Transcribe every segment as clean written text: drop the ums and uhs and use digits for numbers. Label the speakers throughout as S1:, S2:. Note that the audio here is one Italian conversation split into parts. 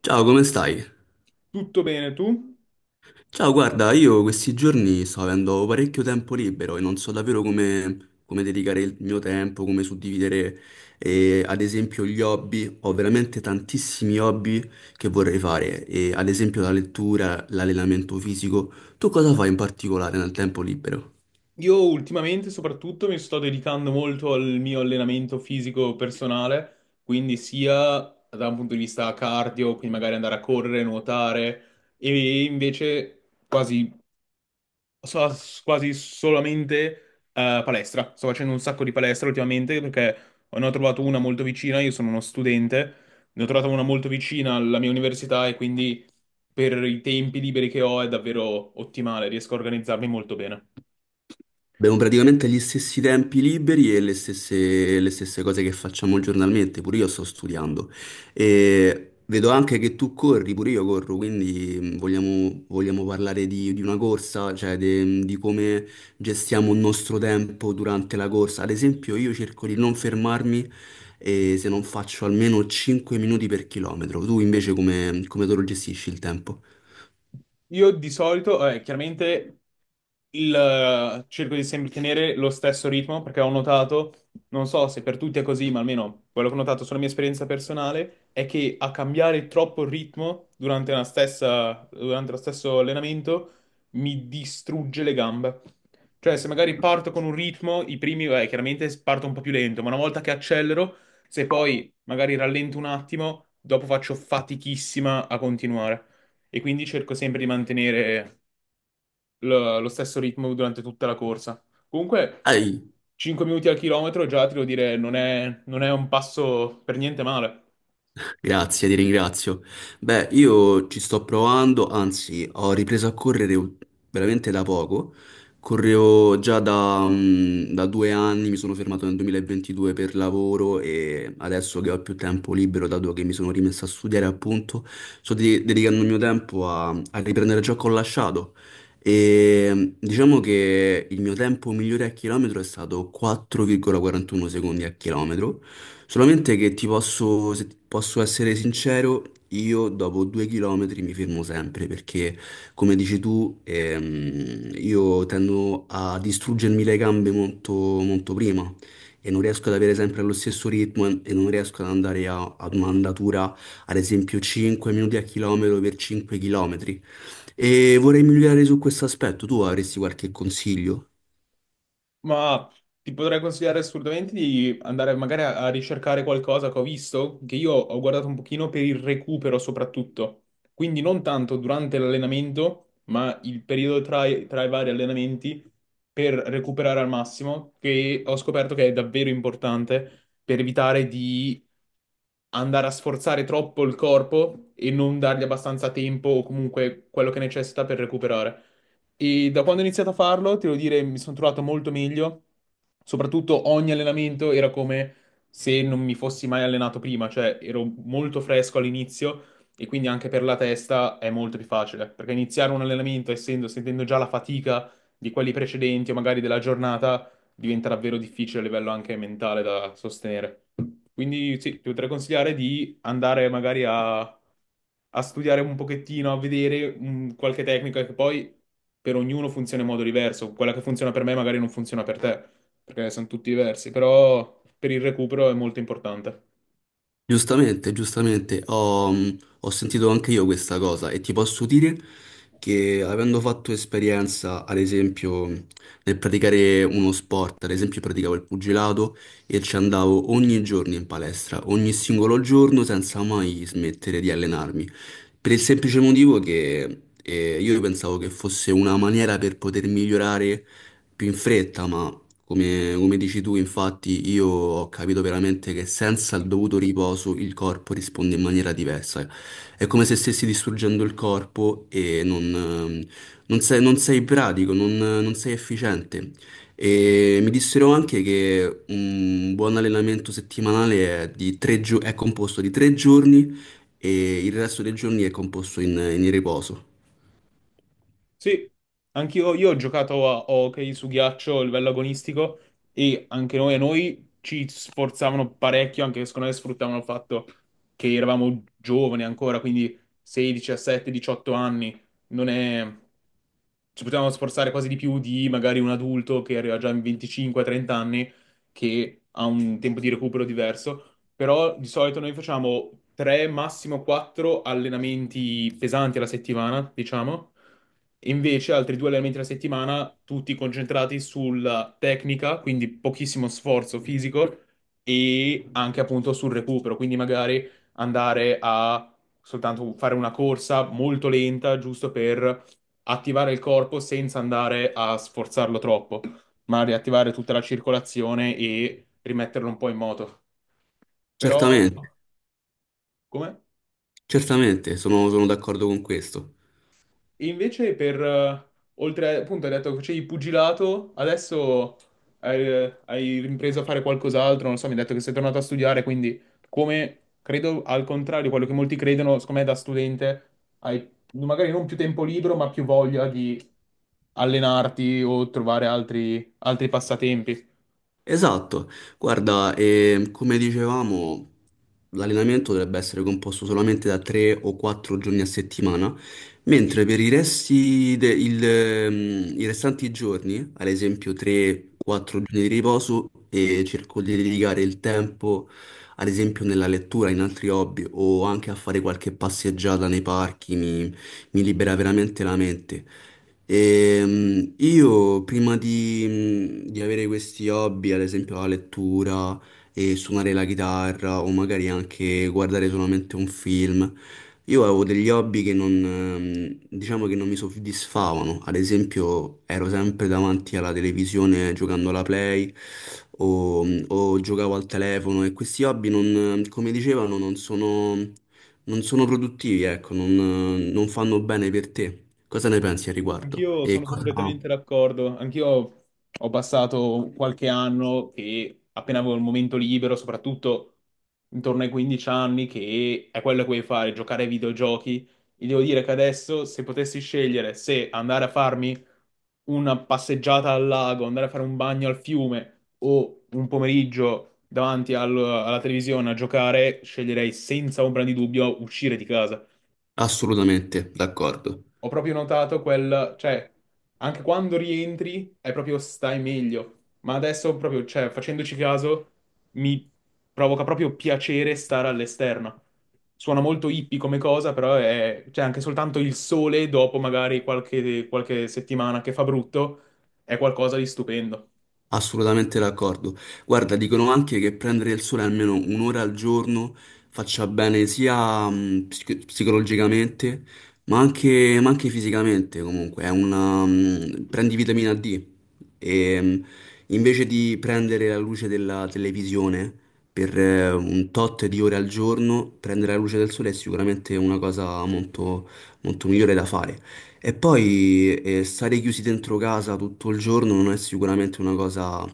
S1: Ciao, come stai?
S2: Tutto bene, tu?
S1: Ciao, guarda, io questi giorni sto avendo parecchio tempo libero e non so davvero come dedicare il mio tempo, come suddividere, ad esempio, gli hobby. Ho veramente tantissimi hobby che vorrei fare, e, ad esempio la lettura, l'allenamento fisico. Tu cosa fai in particolare nel tempo libero?
S2: Io ultimamente soprattutto mi sto dedicando molto al mio allenamento fisico personale, quindi sia da un punto di vista cardio, quindi magari andare a correre, nuotare, e invece So quasi solamente palestra. Sto facendo un sacco di palestra ultimamente perché ne ho trovato una molto vicina. Io sono uno studente, ne ho trovata una molto vicina alla mia università e quindi per i tempi liberi che ho è davvero ottimale. Riesco a organizzarmi molto bene.
S1: Abbiamo praticamente gli stessi tempi liberi e le stesse cose che facciamo giornalmente, pure io sto studiando. E vedo anche che tu corri, pure io corro, quindi vogliamo parlare di una corsa, cioè di come gestiamo il nostro tempo durante la corsa. Ad esempio, io cerco di non fermarmi e se non faccio almeno 5 minuti per chilometro. Tu invece come te lo gestisci il tempo?
S2: Io di solito, chiaramente cerco di sempre tenere lo stesso ritmo perché ho notato, non so se per tutti è così, ma almeno quello che ho notato sulla mia esperienza personale è che a cambiare troppo il ritmo durante lo stesso allenamento mi distrugge le gambe. Cioè, se magari parto con un ritmo, i primi, chiaramente parto un po' più lento, ma una volta che accelero, se poi magari rallento un attimo, dopo faccio fatichissima a continuare e quindi cerco sempre di mantenere lo stesso ritmo durante tutta la corsa. Comunque, 5 minuti al chilometro già ti devo dire, non è un passo per niente male.
S1: Grazie, ti ringrazio. Beh, io ci sto provando, anzi, ho ripreso a correre veramente da poco. Correvo già da 2 anni, mi sono fermato nel 2022 per lavoro e adesso che ho più tempo libero, dato che mi sono rimesso a studiare, appunto, dedicando il mio tempo a riprendere ciò che ho lasciato. E diciamo che il mio tempo migliore a chilometro è stato 4,41 secondi a chilometro. Solamente che ti posso, se ti posso essere sincero, io dopo 2 chilometri mi fermo sempre perché, come dici tu, io tendo a distruggermi le gambe molto, molto prima e non riesco ad avere sempre lo stesso ritmo e non riesco ad andare ad un'andatura, ad esempio, 5 minuti a chilometro per 5 km. E vorrei migliorare su questo aspetto. Tu avresti qualche consiglio?
S2: Ma ti potrei consigliare assolutamente di andare magari a ricercare qualcosa che ho visto, che io ho guardato un pochino per il recupero soprattutto. Quindi non tanto durante l'allenamento, ma il periodo tra i vari allenamenti per recuperare al massimo, che ho scoperto che è davvero importante per evitare di andare a sforzare troppo il corpo e non dargli abbastanza tempo o comunque quello che necessita per recuperare. E da quando ho iniziato a farlo, ti devo dire, mi sono trovato molto meglio. Soprattutto ogni allenamento era come se non mi fossi mai allenato prima, cioè ero molto fresco all'inizio e quindi anche per la testa è molto più facile, perché iniziare un allenamento essendo, sentendo già la fatica di quelli precedenti o magari della giornata diventa davvero difficile a livello anche mentale da sostenere. Quindi sì, ti potrei consigliare di andare magari a studiare un pochettino, a vedere qualche tecnica che poi per ognuno funziona in modo diverso. Quella che funziona per me magari non funziona per te, perché sono tutti diversi, però per il recupero è molto importante.
S1: Giustamente, giustamente, ho sentito anche io questa cosa e ti posso dire che avendo fatto esperienza, ad esempio, nel praticare uno sport, ad esempio praticavo il pugilato e ci andavo ogni giorno in palestra, ogni singolo giorno senza mai smettere di allenarmi, per il semplice motivo che io pensavo che fosse una maniera per poter migliorare più in fretta, ma come, come dici tu, infatti, io ho capito veramente che senza il dovuto riposo il corpo risponde in maniera diversa. È come se stessi distruggendo il corpo e non sei pratico, non sei efficiente. E mi dissero anche che un buon allenamento settimanale è, è composto di 3 giorni e il resto dei giorni è composto in riposo.
S2: Sì, anch'io io ho giocato a hockey su ghiaccio a livello agonistico e anche noi, a noi ci sforzavano parecchio, anche secondo me sfruttavano il fatto che eravamo giovani ancora, quindi 16, 17, 18 anni, non è... ci potevamo sforzare quasi di più di magari un adulto che arriva già in 25, 30 anni, che ha un tempo di recupero diverso però di solito noi facciamo 3, massimo 4 allenamenti pesanti alla settimana, diciamo, e invece altri due allenamenti alla settimana, tutti concentrati sulla tecnica, quindi pochissimo sforzo fisico e anche appunto sul recupero, quindi magari andare a soltanto fare una corsa molto lenta, giusto per attivare il corpo senza andare a sforzarlo troppo, ma riattivare tutta la circolazione e rimetterlo un po' in moto. Però,
S1: Certamente,
S2: come?
S1: certamente, sono d'accordo con questo.
S2: E invece per, oltre, appunto, hai detto che facevi pugilato, adesso hai ripreso a fare qualcos'altro, non so, mi hai detto che sei tornato a studiare, quindi come, credo, al contrario, quello che molti credono, secondo me da studente hai magari non più tempo libero, ma più voglia di allenarti o trovare altri, altri passatempi.
S1: Esatto, guarda, come dicevamo, l'allenamento dovrebbe essere composto solamente da 3 o 4 giorni a settimana, mentre per i i restanti giorni, ad esempio 3-4 giorni di riposo, e cerco di dedicare il tempo, ad esempio nella lettura, in altri hobby o anche a fare qualche passeggiata nei parchi, mi libera veramente la mente. E, io prima di avere questi hobby, ad esempio la lettura e suonare la chitarra o magari anche guardare solamente un film, io avevo degli hobby che non, diciamo che non mi soddisfavano. Ad esempio ero sempre davanti alla televisione giocando alla Play o giocavo al telefono e questi hobby non, come dicevano, non sono produttivi, ecco, non fanno bene per te. Cosa ne pensi al riguardo?
S2: Anch'io
S1: E
S2: sono
S1: cosa...
S2: completamente d'accordo. Anch'io ho passato qualche anno che appena avevo il momento libero, soprattutto intorno ai 15 anni, che è quello che vuoi fare, giocare ai videogiochi. E devo dire che adesso, se potessi scegliere se andare a farmi una passeggiata al lago, andare a fare un bagno al fiume o un pomeriggio davanti alla televisione a giocare, sceglierei senza ombra di dubbio uscire di casa.
S1: Assolutamente, d'accordo.
S2: Ho proprio notato quel, cioè, anche quando rientri è proprio stai meglio, ma adesso proprio, cioè, facendoci caso, mi provoca proprio piacere stare all'esterno. Suona molto hippie come cosa, però è, cioè, anche soltanto il sole dopo magari qualche settimana che fa brutto, è qualcosa di stupendo.
S1: Assolutamente d'accordo. Guarda, dicono anche che prendere il sole almeno un'ora al giorno faccia bene sia psicologicamente, ma anche fisicamente comunque. È prendi vitamina D e invece di prendere la luce della televisione per un tot di ore al giorno, prendere la luce del sole è sicuramente una cosa molto, molto migliore da fare. E poi stare chiusi dentro casa tutto il giorno non è sicuramente una cosa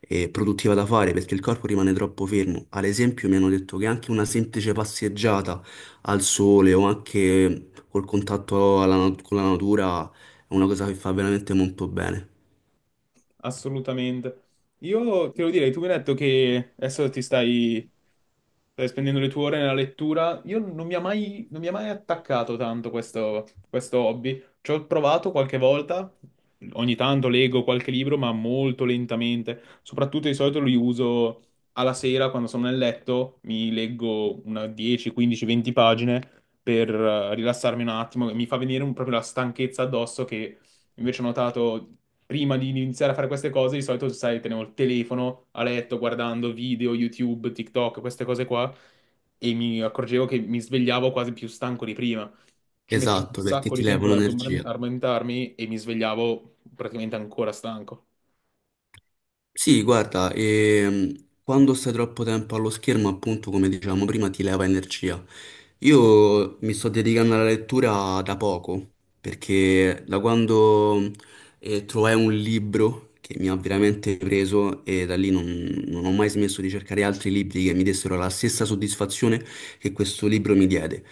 S1: produttiva da fare perché il corpo rimane troppo fermo. Ad esempio, mi hanno detto che anche una semplice passeggiata al sole o anche col contatto con la natura è una cosa che fa veramente molto bene.
S2: Assolutamente. Io te lo direi, tu mi hai detto che adesso ti stai, stai spendendo le tue ore nella lettura. Io non mi ha mai, non mi ha mai attaccato tanto questo hobby. Ci ho provato qualche volta, ogni tanto leggo qualche libro, ma molto lentamente. Soprattutto di solito li uso alla sera quando sono nel letto, mi leggo una 10, 15, 20 pagine per rilassarmi un attimo. Mi fa venire proprio la stanchezza addosso che invece ho notato prima di iniziare a fare queste cose, di solito, sai, tenevo il telefono a letto guardando video, YouTube, TikTok, queste cose qua, e mi accorgevo che mi svegliavo quasi più stanco di prima. Ci mettevo un
S1: Esatto, perché
S2: sacco
S1: ti
S2: di
S1: leva
S2: tempo ad
S1: un'energia.
S2: addormentarmi e mi svegliavo praticamente ancora stanco.
S1: Sì, guarda, quando stai troppo tempo allo schermo, appunto, come dicevamo prima, ti leva energia. Io mi sto dedicando alla lettura da poco, perché da quando trovai un libro che mi ha veramente preso e da lì non ho mai smesso di cercare altri libri che mi dessero la stessa soddisfazione che questo libro mi diede.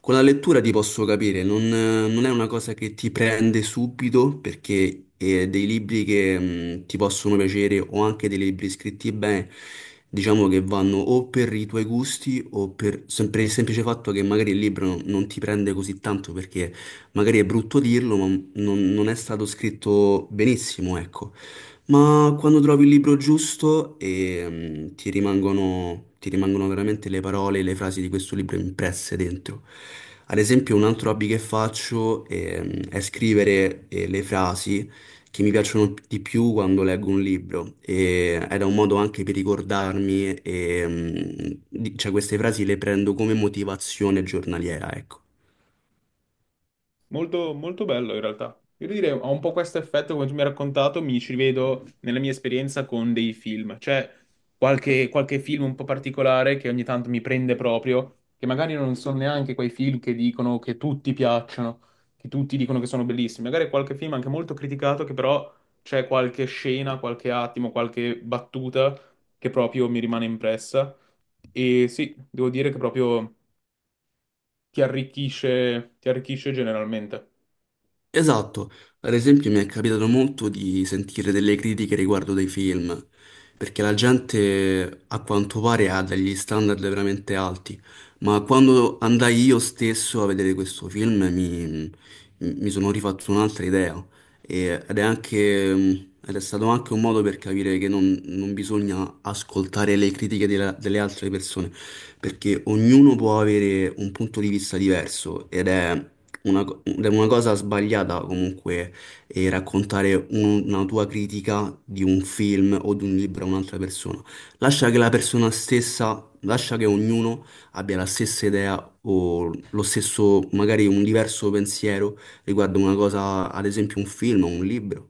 S1: Con la lettura ti posso capire, non è una cosa che ti prende subito perché dei libri che ti possono piacere o anche dei libri scritti bene, diciamo che vanno o per i tuoi gusti o per, per il semplice fatto che magari il libro non ti prende così tanto perché magari è brutto dirlo, ma non è stato scritto benissimo, ecco. Ma quando trovi il libro giusto ti rimangono veramente le parole e le frasi di questo libro impresse dentro. Ad esempio, un altro hobby che faccio è scrivere le frasi che mi piacciono di più quando leggo un libro. E era un modo anche per ricordarmi, cioè queste frasi le prendo come motivazione giornaliera, ecco.
S2: Molto, molto bello in realtà. Io direi, ha un po' questo effetto, come tu mi hai raccontato, mi ci rivedo nella mia esperienza con dei film. C'è qualche film un po' particolare che ogni tanto mi prende proprio, che magari non sono neanche quei film che dicono che tutti piacciono, che tutti dicono che sono bellissimi. Magari è qualche film anche molto criticato, che però c'è qualche scena, qualche attimo, qualche battuta che proprio mi rimane impressa. E sì, devo dire che proprio ti arricchisce generalmente.
S1: Esatto, ad esempio mi è capitato molto di sentire delle critiche riguardo dei film, perché la gente a quanto pare ha degli standard veramente alti, ma quando andai io stesso a vedere questo film mi sono rifatto un'altra idea. Ed è anche, ed è stato anche un modo per capire che non bisogna ascoltare le critiche delle altre persone, perché ognuno può avere un punto di vista diverso ed è una cosa sbagliata comunque è raccontare una tua critica di un film o di un libro a un'altra persona. Lascia che la persona stessa, lascia che ognuno abbia la stessa idea o lo stesso, magari un diverso pensiero riguardo una cosa, ad esempio un film o un libro.